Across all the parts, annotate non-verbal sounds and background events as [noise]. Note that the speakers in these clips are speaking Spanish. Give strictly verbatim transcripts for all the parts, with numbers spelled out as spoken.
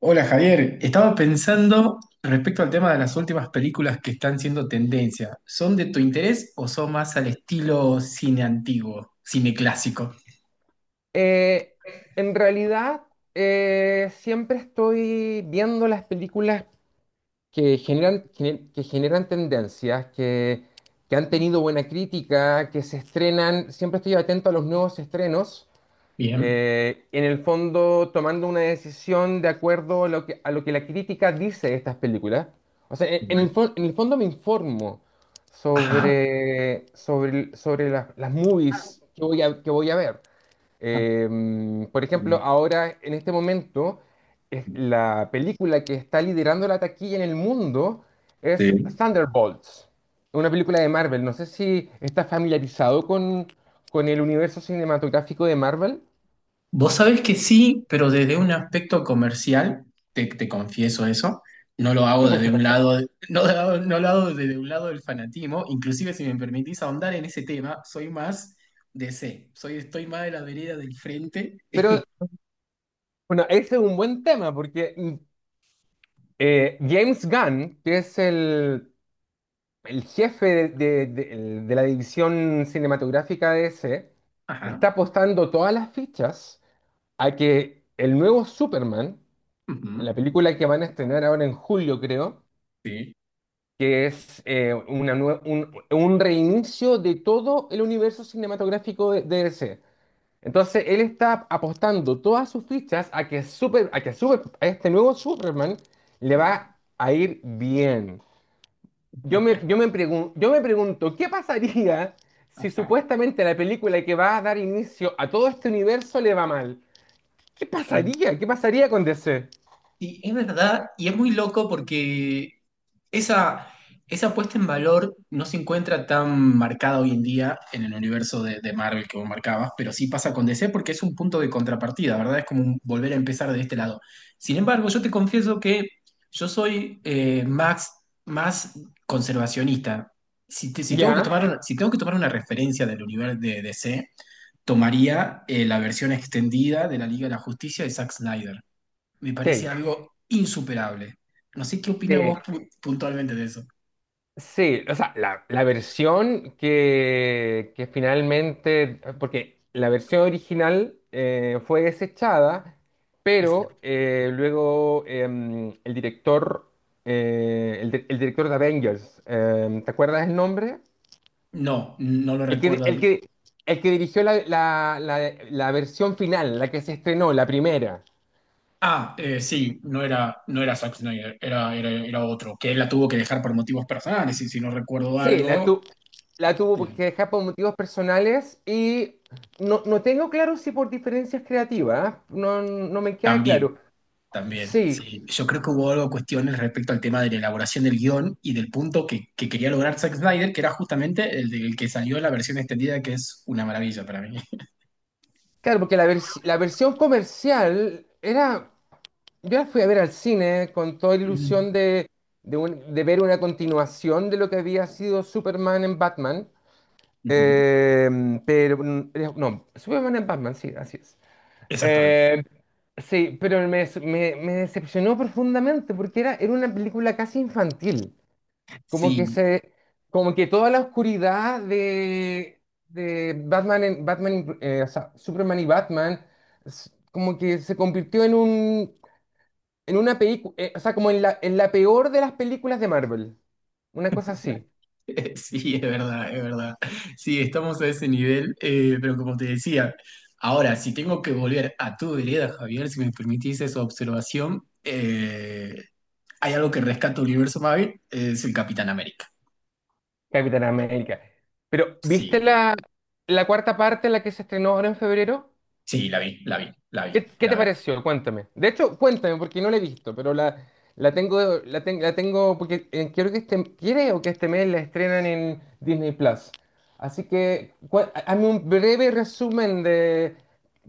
Hola Javier, estaba pensando respecto al tema de las últimas películas que están siendo tendencia. ¿Son de tu interés o son más al estilo cine antiguo, cine clásico? Eh, en realidad, eh, siempre estoy viendo las películas que generan, gener- que generan tendencias, que, que han tenido buena crítica, que se estrenan. Siempre estoy atento a los nuevos estrenos. Bien. Eh, en el fondo, tomando una decisión de acuerdo a lo que, a lo que la crítica dice de estas películas. O sea, en, en el, fon- en el fondo me informo Ajá. sobre, sobre, sobre las, las movies que voy a, que voy a ver. Eh, por ejemplo, ahora en este momento, es- la película que está liderando la taquilla en el mundo es Sí. Thunderbolts, una película de Marvel. No sé si estás familiarizado con, con el universo cinematográfico de Marvel. Vos sabés que sí, pero desde un aspecto comercial, te, te confieso eso, no lo hago Sí, por desde un supuesto. lado, no, lo hago- no lo hago desde un lado del fanatismo. Inclusive, si me permitís ahondar en ese tema, soy más D C, soy, estoy más de la vereda del frente. Pero bueno, ese es un buen tema porque mm, eh, James Gunn, que es el, el jefe de, de- de- de la división cinematográfica de ese, está apostando todas las fichas a que el nuevo Superman, Ujú. la película que van a estrenar ahora en julio, creo, Sí, que es eh, una nue- un, un reinicio de todo el universo cinematográfico de, de D C. Entonces, él está apostando todas sus fichas a que, super, a que super, a este nuevo Superman le sí. va a ir bien. Yo me, [laughs] yo me pregun- yo me pregunto, ¿qué pasaría si Ajá. supuestamente la película que va a dar inicio a todo este universo le va mal? ¿Qué pasaría? ¿Qué pasaría con D C? Y, y es verdad, y es muy loco porque esa, esa puesta en valor no se encuentra tan marcada hoy en día en el universo de, de Marvel que vos marcabas, pero sí pasa con D C porque es un punto de contrapartida, ¿verdad? Es como un volver a empezar de este lado. Sin embargo, yo te confieso que yo soy eh, más, más conservacionista. Si, te- si tengo que Ya, tomar, si tengo que tomar una referencia del universo de D C, tomaría eh, la versión extendida de la Liga de la Justicia de Zack Snyder. Me parece sí, algo insuperable. No sé qué opina vos sí, pu- puntualmente de eso. sí. O sea, la, la versión que, que finalmente, porque la versión original eh, fue desechada, Este, pero eh, luego em, el director, eh, el, di- el director de Avengers, em, ¿te acuerdas el nombre? no, no lo El que, recuerdo. el que, el que dirigió la, la la- la versión final, la que se estrenó, la primera. Ah, eh, sí, no era, no era Zack Snyder, era, era, era otro, que él la tuvo que dejar por motivos personales, y si no recuerdo Sí, la, algo, tu- la tuvo eh, que dejar por motivos personales y no, no tengo claro si por diferencias creativas, ¿eh? No, no me queda también. claro. También, Sí, sí. Yo creo que hubo algo cuestiones respecto al tema de la elaboración del guión y del punto que, que quería lograr Zack Snyder, que era justamente el del que salió la versión extendida, que es una maravilla para mí. claro, porque la, vers- la versión comercial era, yo la fui a ver al cine con toda la Ujú, ilusión de, de, un- de ver una continuación de lo que había sido Superman en Batman. ujú. Eh, pero mm, no, Superman en Batman, sí, así es. Exactamente. Em, Sí, pero me, des- me, me decepcionó profundamente porque era, era una película casi infantil. Como Sí, que se, Como que toda la oscuridad de, de Batman, en- Batman, in- eh, o sea, Superman y Batman, s- como que se convirtió en un, en una película, o sea, como en la, en la peor de las películas de Marvel. Una cosa así, [laughs] sí, es verdad, es verdad. Sí, estamos a ese nivel, eh, pero como te decía, ahora, si tengo que volver a tu vereda, Javier, si me permitís esa observación, eh, hay algo que rescata el Universo Marvel, es el Capitán América. Capitán América. Pero, ¿viste Sí. la, la cuarta parte, la que se estrenó ahora en febrero? Sí, la vi, la vi, la vi, ¿Qué, qué la te vi. pareció? Cuéntame. De hecho, cuéntame, porque no la he visto, pero la, la tengo, la, ten- la tengo, porque eh, quiero que este, quiero que este mes la estrenan en Disney Plus. Así que, cua- hazme un breve resumen de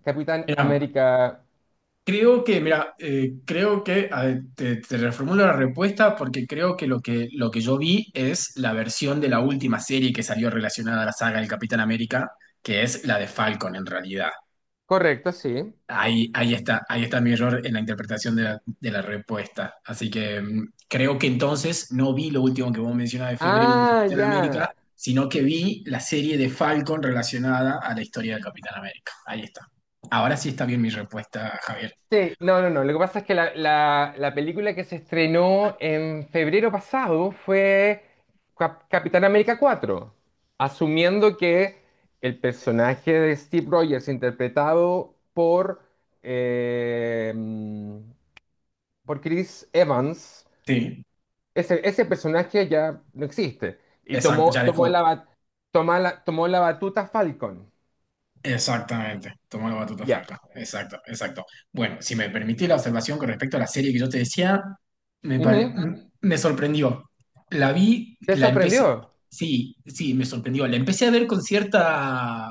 Capitán Mira, América. creo que, mira, eh, creo que, a ver, te, te reformulo la respuesta porque creo que lo que, lo que yo vi es la versión de la última serie que salió relacionada a la saga del Capitán América, que es la de Falcon en realidad. Correcto, sí. Ahí, ahí está, ahí está mi error en la interpretación de la, de la respuesta. Así que mm, creo que entonces no vi lo último que vos mencionabas de febrero del Ah, Capitán ya. América, sino que vi la serie de Falcon relacionada a la historia del Capitán América. Ahí está. Ahora sí está bien mi respuesta, Javier. Sí, no, no, no. Lo que pasa es que la, la- la película que se estrenó en febrero pasado fue Cap- Capitán América cuatro, asumiendo que el personaje de Steve Rogers, interpretado por, eh, por Chris Evans, Sí, ese, ese personaje ya no existe. Y exacto, tomó, ya, tomó dejó. la, ba- toma la- tomó la batuta Falcon. Exactamente, tomó la batuta Ya. Falcao. Exacto, exacto. Bueno, si me permitís la observación con respecto a la serie que yo te decía, me, pare- Ujú. m- me sorprendió. La vi, ¿Te la empecé, sorprendió? sí, sí, me sorprendió. La empecé a ver con cierta,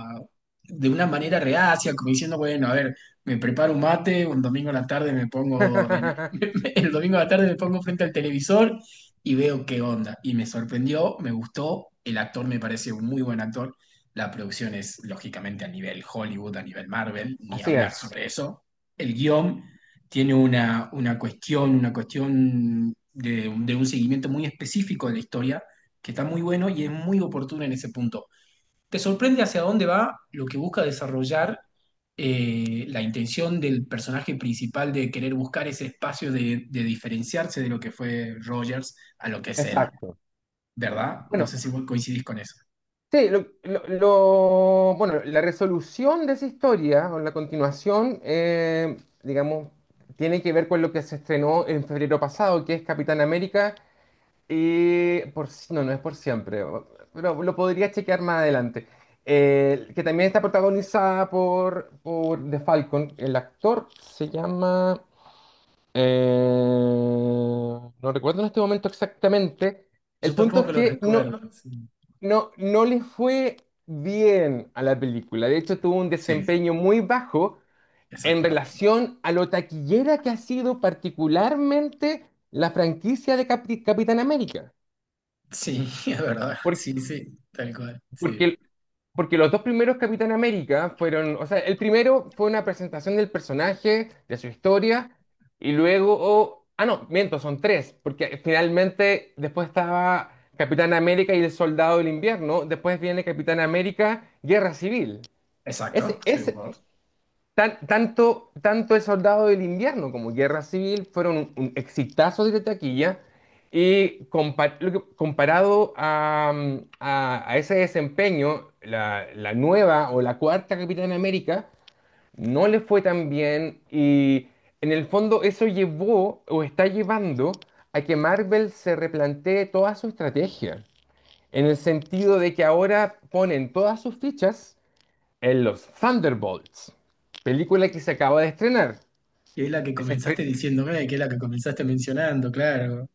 de una manera reacia, como diciendo, bueno, a ver, me preparo un mate, un domingo a la tarde me pongo, el, [laughs] [laughs] el domingo a la tarde me pongo frente al televisor y veo qué onda. Y me sorprendió, me gustó, el actor me parece un muy buen actor. La producción es lógicamente a nivel Hollywood, a nivel Marvel, ni Así hablar es. sobre eso. El guión tiene una, una cuestión, una cuestión de, de un seguimiento muy específico de la historia, que está muy bueno y es muy oportuno en ese punto. Te sorprende hacia dónde va lo que busca desarrollar eh, la intención del personaje principal de querer buscar ese espacio de, de diferenciarse de lo que fue Rogers a lo que es él, Exacto. ¿verdad? No Bueno, sé si vos coincidís con eso. sí, lo, lo- lo- bueno, la resolución de esa historia o la continuación, eh, digamos, tiene que ver con lo que se estrenó en febrero pasado, que es Capitán América, y por, si- no, no es por siempre, o- pero lo podría chequear más adelante. Eh, que también está protagonizada por, por The Falcon. El actor se llama, eh, no recuerdo en este momento exactamente. Yo El punto es tampoco lo que no. recuerdo. Sí. No, no le fue bien a la película. De hecho, tuvo un Sí, desempeño muy bajo en exactamente. relación a lo taquillera que ha sido particularmente la franquicia de Capi- Capitán América. Sí, [laughs] es verdad. Por- Sí, sí, tal cual. Sí, Porque, porque los dos primeros Capitán América fueron, o sea, el primero fue una presentación del personaje, de su historia, y luego, oh, ah, no, miento, son tres, porque finalmente después estaba Capitán América y el Soldado del Invierno, después viene Capitán América, Guerra Civil. Es, exacto. Sí, es vos. Tan- tanto tanto El Soldado del Invierno como Guerra Civil fueron un, un exitazo de taquilla y compa- lo que- comparado a, mm, a- a ese desempeño, la, la nueva o la cuarta Capitán América no le fue tan bien y en el fondo eso llevó o está llevando a que Marvel se replantee toda su estrategia, en el sentido de que ahora ponen todas sus fichas en los Thunderbolts, película que se acaba de estrenar. Y es la que Es estre- comenzaste diciéndome, que es la que comenzaste mencionando, claro.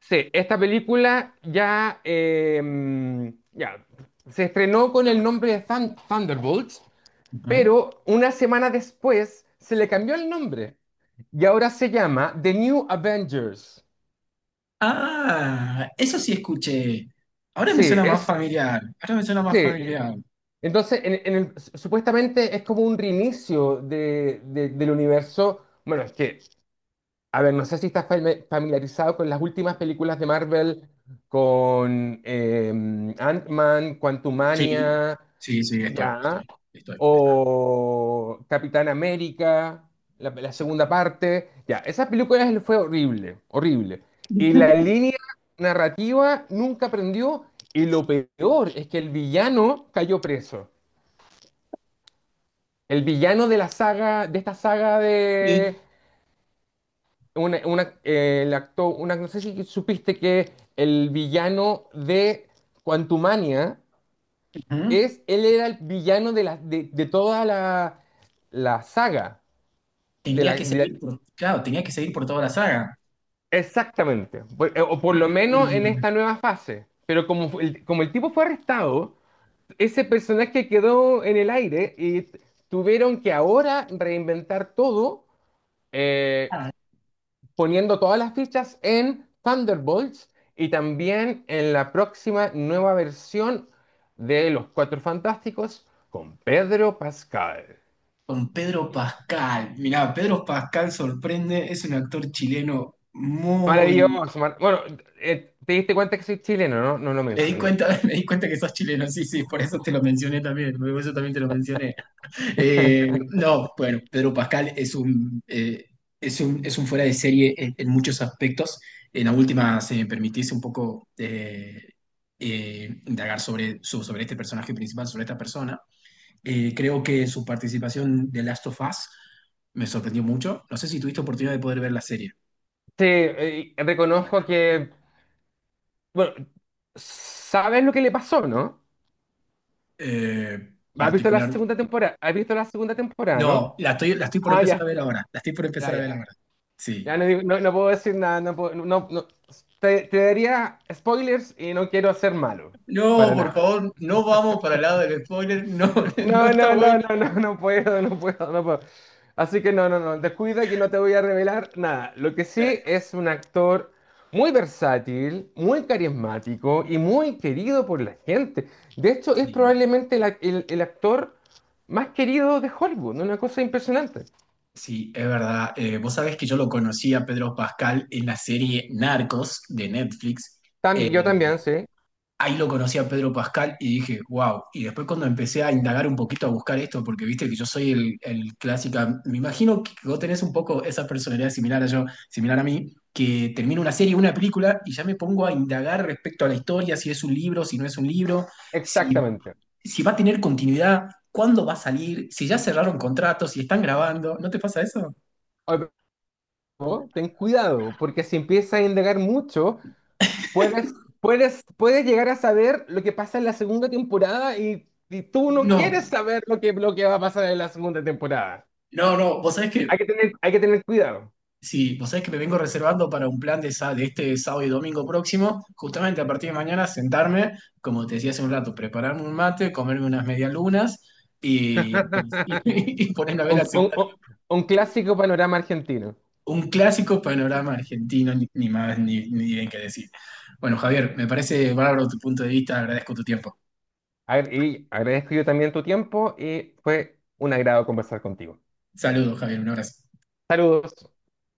sí, esta película ya, eh, ya se estrenó con el nombre de Thun- Thunderbolts, Ujú. pero una semana después se le cambió el nombre y ahora se llama The New Avengers. Ah, eso sí escuché. Ahora Sí, me suena más es, familiar. Ahora me suena más sí. familiar. Entonces, en- en el- supuestamente es como un reinicio de- de- del universo. Bueno, es que a ver, no sé si estás fami- familiarizado con las últimas películas de Marvel, con eh, Ant-Man, Sí, Quantumania, sí, sí, estoy, ya, estoy, estoy, estoy. o Capitán América, la, la Sí. segunda parte, ya. Esa película es- fue horrible, horrible. Y la línea narrativa nunca prendió, y lo peor es que el villano cayó preso. El villano de la saga, de esta saga Sí. una, una- eh, el acto- una, no sé si supiste que el villano de Quantumania Ujú. es, él era el villano de, la, de, de toda la, la saga. De Tenía la, que de la- seguir por, claro, tenía que seguir por toda la saga. Exactamente, Por- eh, o por lo menos en Mm. esta nueva fase. Pero como, fu- el, como el tipo fue arrestado, ese personaje quedó en el aire y t- tuvieron que ahora reinventar todo. eh, Poniendo todas las fichas en Thunderbolts y también en la próxima nueva versión de Los Cuatro Fantásticos con Pedro Pascal. Con Pedro Pascal. Mirá, Pedro Pascal sorprende, es un actor chileno muy... Maravilloso. Mar- bueno, eh, te diste cuenta que soy chileno, ¿no? No lo Me di mencioné. cuenta, [laughs] me di cuenta que sos chileno, sí, sí, por eso te lo mencioné también, por eso también te lo mencioné. Eh, no, bueno, Pedro Pascal es un, eh, es un, es un fuera de serie en, en muchos aspectos. En la última, se me permitís un poco eh, eh, indagar sobre, su- sobre este personaje principal, sobre esta persona. Eh, creo que su participación de Last of Us me sorprendió mucho. No sé si tuviste oportunidad de poder ver la serie. Sí, eh, reconozco que, bueno, sabes lo que le pasó, ¿no? Eh, ¿Has visto la particular. segunda temporada? ¿Has visto la segunda temporada, No, no? la estoy, la estoy por Ah, empezar ya, a ver ahora. La estoy por ya, empezar a ya. ver ahora. Ya Sí. no, digo- no, no puedo decir nada, no puedo- no, no- te, te daría spoilers y no quiero ser malo, No, para por nada. favor, no vamos para el lado del spoiler, no, [laughs] no No, está no, no, bueno. no, no, no puedo, no puedo, no puedo. Así que no, no, no, descuida que no te voy a revelar nada. Lo que sí Eh, es un actor muy versátil, muy carismático y muy querido por la gente. De hecho, es sí, probablemente la- el, el actor más querido de Hollywood, ¿no? Una cosa impresionante. sí, es verdad. Eh, vos sabés que yo lo conocí a Pedro Pascal en la serie Narcos de Netflix. También, yo eh, también, sí, ahí lo conocí a Pedro Pascal y dije, wow. Y después cuando empecé a indagar un poquito, a buscar esto, porque viste que yo soy el, el clásica, me imagino que vos tenés un poco esa personalidad similar a yo, similar a mí, que termino una serie, una película y ya me pongo a indagar respecto a la historia, si es un libro, si no es un libro, si, exactamente. si va a tener continuidad. ¿Cuándo va a salir? Si ya cerraron contratos, si están grabando, ¿no te pasa eso? ¿No? Ten cuidado, porque si empiezas a indagar mucho, puedes, puedes, puedes llegar a saber lo que pasa en la segunda temporada y, y tú no No, quieres saber lo que, lo que va a pasar en la segunda temporada. no, no. Vos sabés que Hay que tener, hay que tener cuidado. sí, vos sabés que me vengo reservando para un plan de, sa- de este sábado y domingo próximo, justamente a partir de mañana sentarme, como te decía hace un rato, prepararme un mate, comerme unas medialunas y, actualiz- [laughs] y, y ponerme a ver Un, la un- segunda- un- un clásico panorama argentino. un clásico panorama argentino, ni, ni más ni, ni bien que decir. Bueno, Javier, me parece bárbaro tu punto de vista, agradezco tu tiempo. A ver, y agradezco yo también tu tiempo y fue un agrado conversar contigo. Saludos, Javier, un abrazo. Saludos.